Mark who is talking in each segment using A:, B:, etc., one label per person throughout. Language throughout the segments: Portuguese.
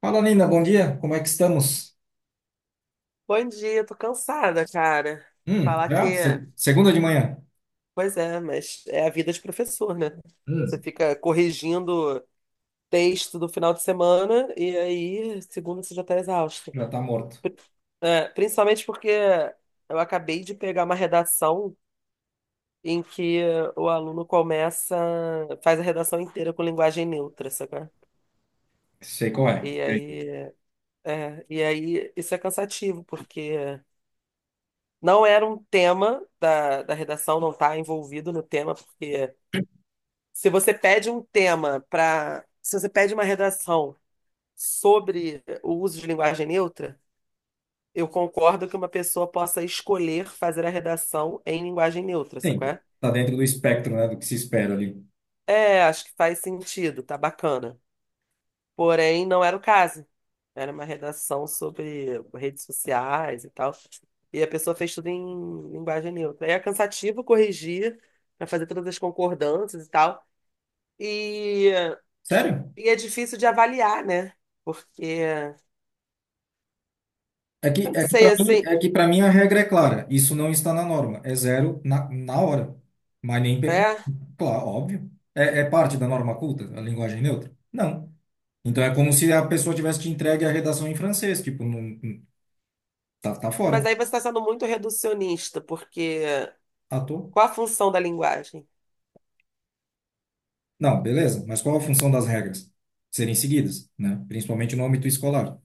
A: Fala, Nina, bom dia. Como é que estamos?
B: Bom dia, tô cansada, cara. Falar que,
A: Já? Segunda de manhã.
B: Pois é, mas é a vida de professor, né? Você
A: Hum,
B: fica corrigindo texto do final de semana e aí, segunda, você já tá exausto.
A: já tá morto.
B: Pri- Principalmente porque eu acabei de pegar uma redação em que o aluno começa, faz a redação inteira com linguagem neutra, sabe?
A: Sei qual é.
B: E
A: E aí?
B: aí, e aí isso é cansativo, porque não era um tema da redação, não está envolvido no tema, porque se você pede um tema para. se você pede uma redação sobre o uso de linguagem neutra, eu concordo que uma pessoa possa escolher fazer a redação em linguagem neutra, sacou?
A: Sim, tá dentro do espectro, né, do que se espera ali.
B: Acho que faz sentido, tá bacana. Porém, não era o caso. Era uma redação sobre redes sociais e tal. E a pessoa fez tudo em linguagem neutra. Aí é cansativo corrigir, para fazer todas as concordâncias e tal. E,
A: Sério?
B: e é difícil de avaliar, né? Porque
A: É que,
B: eu não
A: é que
B: sei,
A: para mim,
B: assim,
A: a regra é clara. Isso não está na norma. É zero na hora. Mas nem pergunta.
B: é.
A: Claro, óbvio. É parte da norma culta, a linguagem neutra? Não. Então é como se a pessoa tivesse te entregue a redação em francês. Tipo, tá, tá
B: Mas
A: fora.
B: aí você está sendo muito reducionista, porque
A: Ah, tô.
B: qual a função da linguagem?
A: Não, beleza, mas qual a função das regras? Serem seguidas, né? Principalmente no âmbito escolar.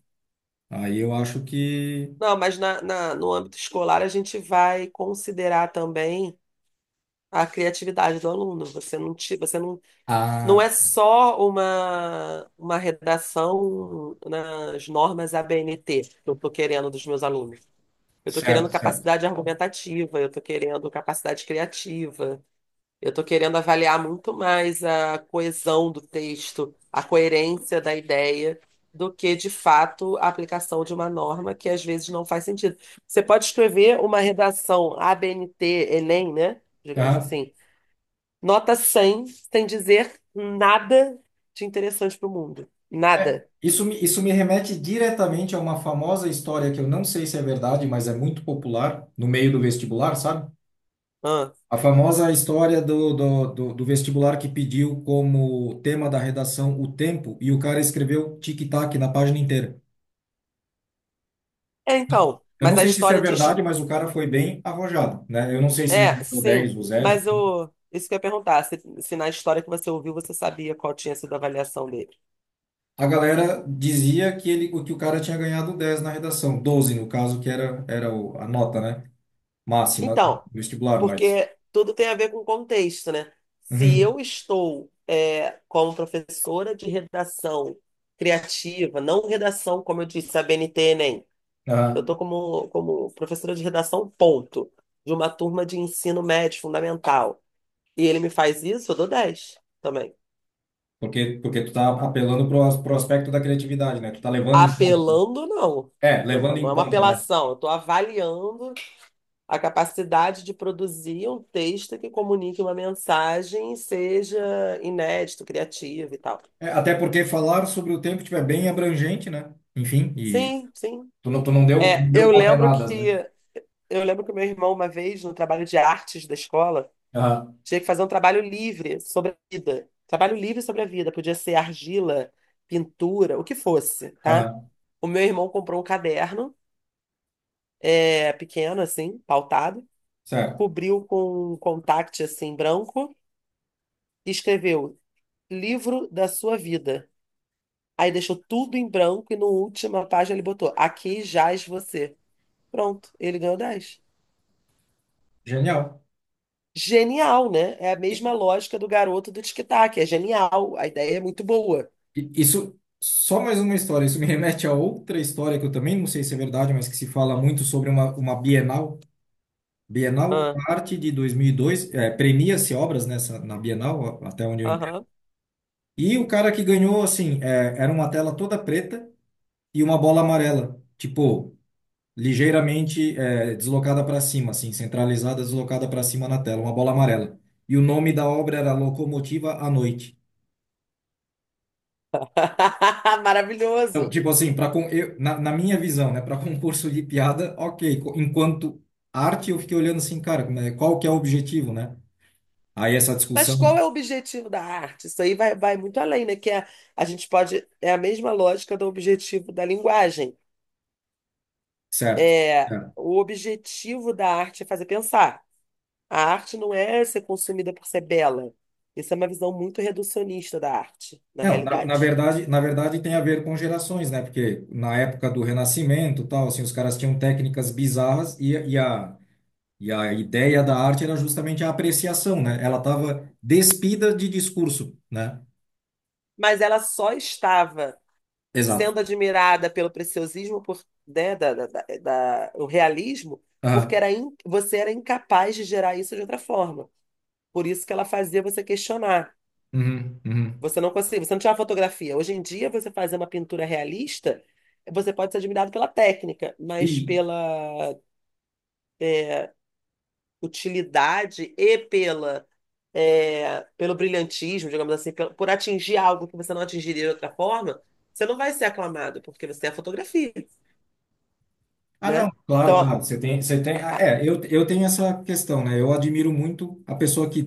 A: Aí eu acho que.
B: Não, mas no âmbito escolar a gente vai considerar também a criatividade do aluno. Você não, ti- você não Não
A: Ah,
B: é só uma redação nas normas ABNT que eu estou querendo dos meus alunos. Eu estou querendo
A: certo, certo.
B: capacidade argumentativa, eu estou querendo capacidade criativa, eu estou querendo avaliar muito mais a coesão do texto, a coerência da ideia, do que, de fato, a aplicação de uma norma que às vezes não faz sentido. Você pode escrever uma redação ABNT, Enem, né? Digamos
A: Aham.
B: assim. Nota 100 sem dizer nada de interessante pro mundo.
A: É,
B: Nada.
A: isso me remete diretamente a uma famosa história que eu não sei se é verdade, mas é muito popular no meio do vestibular, sabe?
B: Hã?
A: A famosa história do vestibular que pediu como tema da redação o tempo e o cara escreveu tic-tac na página inteira.
B: É, então,
A: Eu não
B: mas a
A: sei se isso é
B: história diz.
A: verdade, mas o cara foi bem arrojado, né? Eu não sei se ele
B: É,
A: ganhou
B: sim,
A: 10 ou zero.
B: mas isso que eu ia perguntar, se na história que você ouviu você sabia qual tinha sido a avaliação dele.
A: A galera dizia que ele, que o cara tinha ganhado 10 na redação, 12 no caso, que a nota, né? Máxima do
B: Então,
A: vestibular, mas.
B: porque tudo tem a ver com contexto, né? Se
A: Uhum,
B: eu estou, como professora de redação criativa, não redação, como eu disse, a BNT, Enem, eu
A: aham.
B: estou como professora de redação, ponto, de uma turma de ensino médio fundamental. E ele me faz isso, eu dou 10 também.
A: Porque tu tá apelando pro, pro aspecto da criatividade, né? Tu tá levando em conta, né?
B: Apelando, não.
A: É,
B: Eu
A: levando
B: não, não
A: em
B: é uma
A: conta, né?
B: apelação, eu estou avaliando a capacidade de produzir um texto que comunique uma mensagem, seja inédito, criativo e tal.
A: É, até porque falar sobre o tempo tipo, é bem abrangente, né? Enfim, e
B: Sim, sim.
A: tu não, tu não deu, tu
B: É,
A: não deu
B: eu lembro
A: coordenadas, né?
B: que eu lembro que meu irmão, uma vez, no trabalho de artes da escola,
A: Aham,
B: tinha que fazer um trabalho livre sobre a vida. Trabalho livre sobre a vida. Podia ser argila, pintura, o que fosse, tá?
A: aham,
B: O meu irmão comprou um caderno, pequeno, assim, pautado,
A: certo.
B: cobriu com um contact, assim, branco, e escreveu livro da sua vida. Aí deixou tudo em branco e na última página ele botou aqui jaz você. Pronto, ele ganhou 10.
A: Genial.
B: Genial, né? É a mesma lógica do garoto do tic-tac. É genial, a ideia é muito boa.
A: Isso, só mais uma história. Isso me remete a outra história que eu também não sei se é verdade, mas que se fala muito sobre uma Bienal. Bienal,
B: Ah,
A: arte de 2002, é, premia-se obras nessa, na Bienal, a- até onde eu entendo.
B: aham.
A: E o cara que ganhou, assim, é, era uma tela toda preta e uma bola amarela, tipo, ligeiramente é, deslocada para cima, assim, centralizada, deslocada para cima na tela, uma bola amarela. E o nome da obra era Locomotiva à Noite. Então,
B: Maravilhoso.
A: tipo assim, para eu, na minha visão, né, para concurso de piada, ok. Enquanto arte, eu fiquei olhando assim, cara, qual que é o objetivo, né? Aí essa
B: Mas qual
A: discussão,
B: é o objetivo da arte? Isso aí vai muito além, né? Que é, a gente pode. É a mesma lógica do objetivo da linguagem.
A: certo?
B: É,
A: Certo.
B: o objetivo da arte é fazer pensar. A arte não é ser consumida por ser bela. Isso é uma visão muito reducionista da arte, na
A: Não, na, na
B: realidade.
A: verdade, na verdade tem a ver com gerações, né? Porque na época do Renascimento, tal, assim, os caras tinham técnicas bizarras e a ideia da arte era justamente a apreciação, né? Ela estava despida de discurso, né?
B: Mas ela só estava
A: Exato.
B: sendo admirada pelo preciosismo, por, né, da o realismo, porque
A: Aham.
B: você era incapaz de gerar isso de outra forma. Por isso que ela fazia você questionar.
A: Uhum, uhum.
B: Você não conseguia, você não tinha uma fotografia. Hoje em dia, você fazer uma pintura realista, você pode ser admirado pela técnica, mas
A: E
B: pela utilidade e pelo brilhantismo, digamos assim, por atingir algo que você não atingiria de outra forma, você não vai ser aclamado, porque você é a fotografia,
A: ah, não,
B: né? Então,
A: claro, claro.
B: ó,
A: É, eu tenho essa questão, né? Eu admiro muito a pessoa que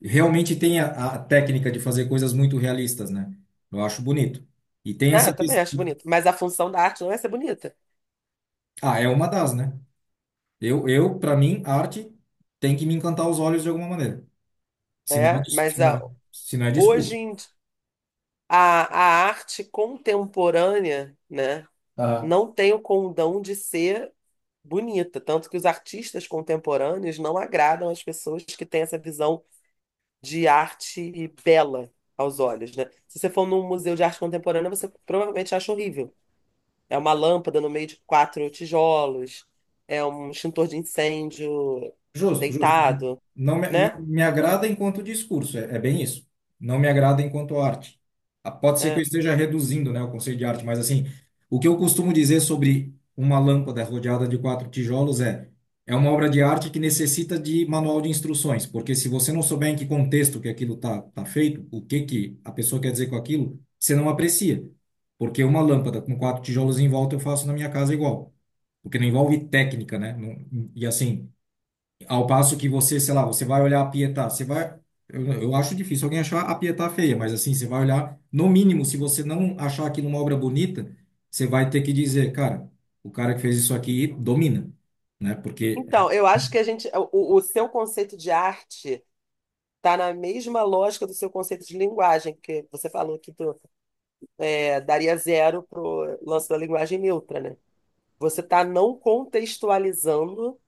A: realmente tem a técnica de fazer coisas muito realistas, né? Eu acho bonito. E tem
B: eu
A: essa.
B: também
A: ques-
B: acho bonito, mas a função da arte não é ser bonita,
A: Ah, é uma das, né? Eu para mim, arte tem que me encantar os olhos de alguma maneira. Se não é,
B: né?
A: dis- se
B: Mas
A: não,
B: a,
A: se não é
B: hoje
A: discurso.
B: em di- a, a arte contemporânea, né? Não tem o condão de ser bonita. Tanto que os artistas contemporâneos não agradam as pessoas que têm essa visão de arte bela aos olhos, né? Se você for num museu de arte contemporânea, você provavelmente acha horrível. É uma lâmpada no meio de quatro tijolos, é um extintor de incêndio
A: Justo, justo.
B: deitado,
A: Não me, não
B: né?
A: me agrada enquanto discurso, é, é bem isso. Não me agrada enquanto arte. Ah, pode ser que eu
B: É.
A: esteja reduzindo, né, o conceito de arte, mas assim, o que eu costumo dizer sobre uma lâmpada rodeada de quatro tijolos é, é uma obra de arte que necessita de manual de instruções, porque se você não souber em que contexto que aquilo tá feito, o que que a pessoa quer dizer com aquilo, você não aprecia. Porque uma lâmpada com quatro tijolos em volta eu faço na minha casa igual, porque não envolve técnica, né? Não- e assim, ao passo que você, sei lá, você vai olhar a Pietá, você vai. Eu acho difícil alguém achar a Pietá feia, mas assim, você vai olhar, no mínimo, se você não achar aqui uma obra bonita, você vai ter que dizer, cara, o cara que fez isso aqui domina, né? Porque.
B: Então, eu acho que o seu conceito de arte está na mesma lógica do seu conceito de linguagem, que você falou aqui, daria 0 pro lance da linguagem neutra, né? Você está não contextualizando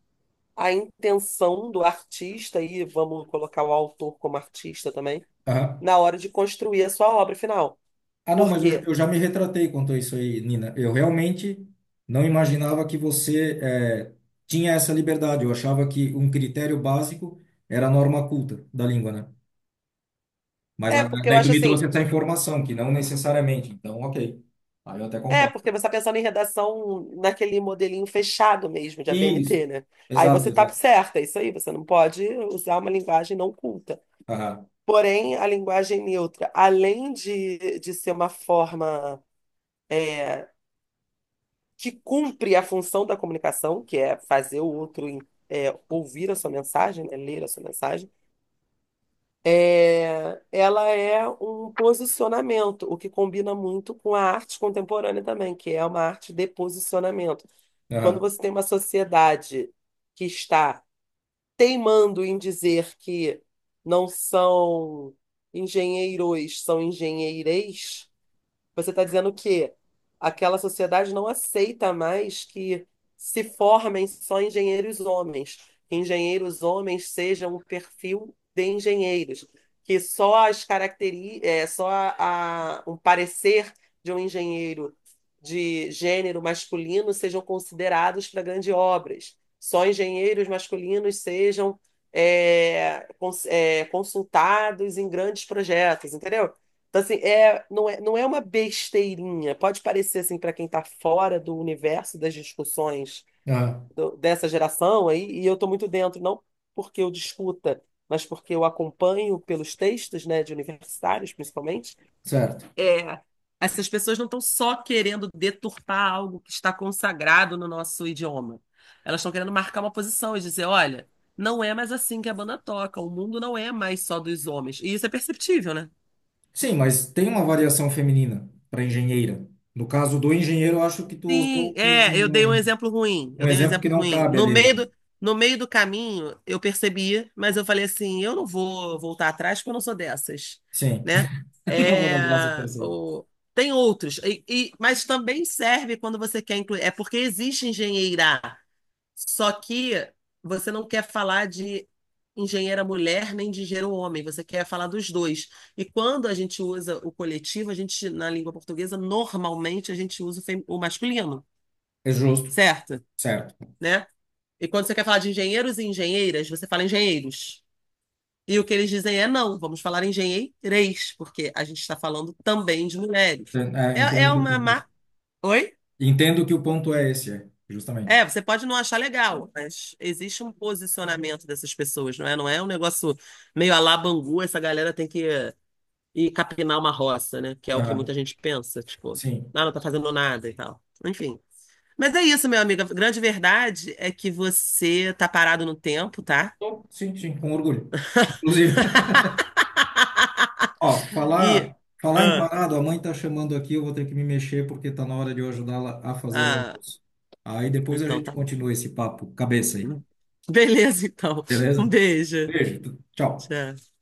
B: a intenção do artista, e vamos colocar o autor como artista também,
A: Ah,
B: na hora de construir a sua obra final.
A: não,
B: Por
A: mas eu,
B: quê?
A: eu já me retratei quanto a isso aí, Nina. Eu realmente não imaginava que você tinha essa liberdade. Eu achava que um critério básico era a norma culta da língua, né?
B: É, porque eu
A: Daí tu
B: acho
A: me
B: assim,
A: trouxe essa informação, que não necessariamente. Então, ok. Aí eu até
B: é,
A: concordo.
B: porque você está pensando em redação naquele modelinho fechado mesmo de
A: Isso.
B: ABNT, né? Aí
A: Exato,
B: você tá
A: exato.
B: certa, é isso aí, você não pode usar uma linguagem não culta.
A: Aham,
B: Porém, a linguagem neutra, além de ser uma forma que cumpre a função da comunicação, que é fazer o outro ouvir a sua mensagem, né, ler a sua mensagem, ela é um posicionamento, o que combina muito com a arte contemporânea também, que é uma arte de posicionamento. Quando
A: aham,
B: você tem uma sociedade que está teimando em dizer que não são engenheiros, são engenheireis, você está dizendo que aquela sociedade não aceita mais que se formem só engenheiros homens, que engenheiros homens sejam o perfil de engenheiros, que só as caracteri é, só a- um parecer de um engenheiro de gênero masculino sejam considerados para grandes obras, só engenheiros masculinos sejam consultados em grandes projetos, entendeu? Então, assim, não é uma besteirinha. Pode parecer, assim, para quem está fora do universo das discussões
A: aham.
B: dessa geração aí, e eu estou muito dentro, não porque eu discuta, mas porque eu acompanho pelos textos, né, de universitários, principalmente.
A: Certo.
B: É, essas pessoas não estão só querendo deturpar algo que está consagrado no nosso idioma. Elas estão querendo marcar uma posição e dizer, olha, não é mais assim que a banda toca, o mundo não é mais só dos homens. E isso é perceptível, né.
A: Sim, mas tem uma variação feminina para engenheira. No caso do engenheiro, eu acho que tu
B: Sim,
A: usou
B: é, eu dei um
A: um-
B: exemplo ruim. Eu
A: um
B: dei um
A: exemplo que
B: exemplo
A: não
B: ruim.
A: cabe
B: No
A: ali,
B: meio
A: mano.
B: do, no meio do caminho, eu percebi, mas eu falei assim, eu não vou voltar atrás porque eu não sou dessas,
A: Sim.
B: né?
A: Não vou dar
B: É,
A: o braço a torcer.
B: tem outros, mas também serve quando você quer incluir. É porque existe engenheira, só que você não quer falar de engenheira mulher nem de engenheiro homem, você quer falar dos dois. E quando a gente usa o coletivo, a gente, na língua portuguesa, normalmente a gente usa o masculino,
A: É justo.
B: certo?
A: Certo.
B: Né? E quando você quer falar de engenheiros e engenheiras, você fala engenheiros. E o que eles dizem é não, vamos falar engenheireis, porque a gente está falando também de mulheres.
A: É, é,
B: É,
A: entendo
B: é
A: que o
B: uma.
A: ponto é esse.
B: ma- Oi?
A: Entendo que o ponto é esse, é,
B: É,
A: justamente.
B: você pode não achar legal, mas existe um posicionamento dessas pessoas, não é? Não é um negócio meio à la Bangu, essa galera tem que ir capinar uma roça, né? Que é o que
A: Aham.
B: muita gente pensa, tipo,
A: Sim.
B: ah, não tá fazendo nada e tal. Enfim. Mas é isso, meu amigo. A grande verdade é que você tá parado no tempo, tá?
A: Tô, sim, sim, com orgulho. Inclusive. Ó,
B: E.
A: falar em
B: Ah,
A: parado, a mãe tá chamando aqui, eu vou ter que me mexer porque tá na hora de eu ajudá-la a fazer o
B: ah,
A: almoço. Aí depois a
B: então
A: gente
B: tá bom.
A: continua esse papo cabeça aí,
B: Beleza, então. Um
A: beleza?
B: beijo.
A: Beijo, tchau.
B: Tchau.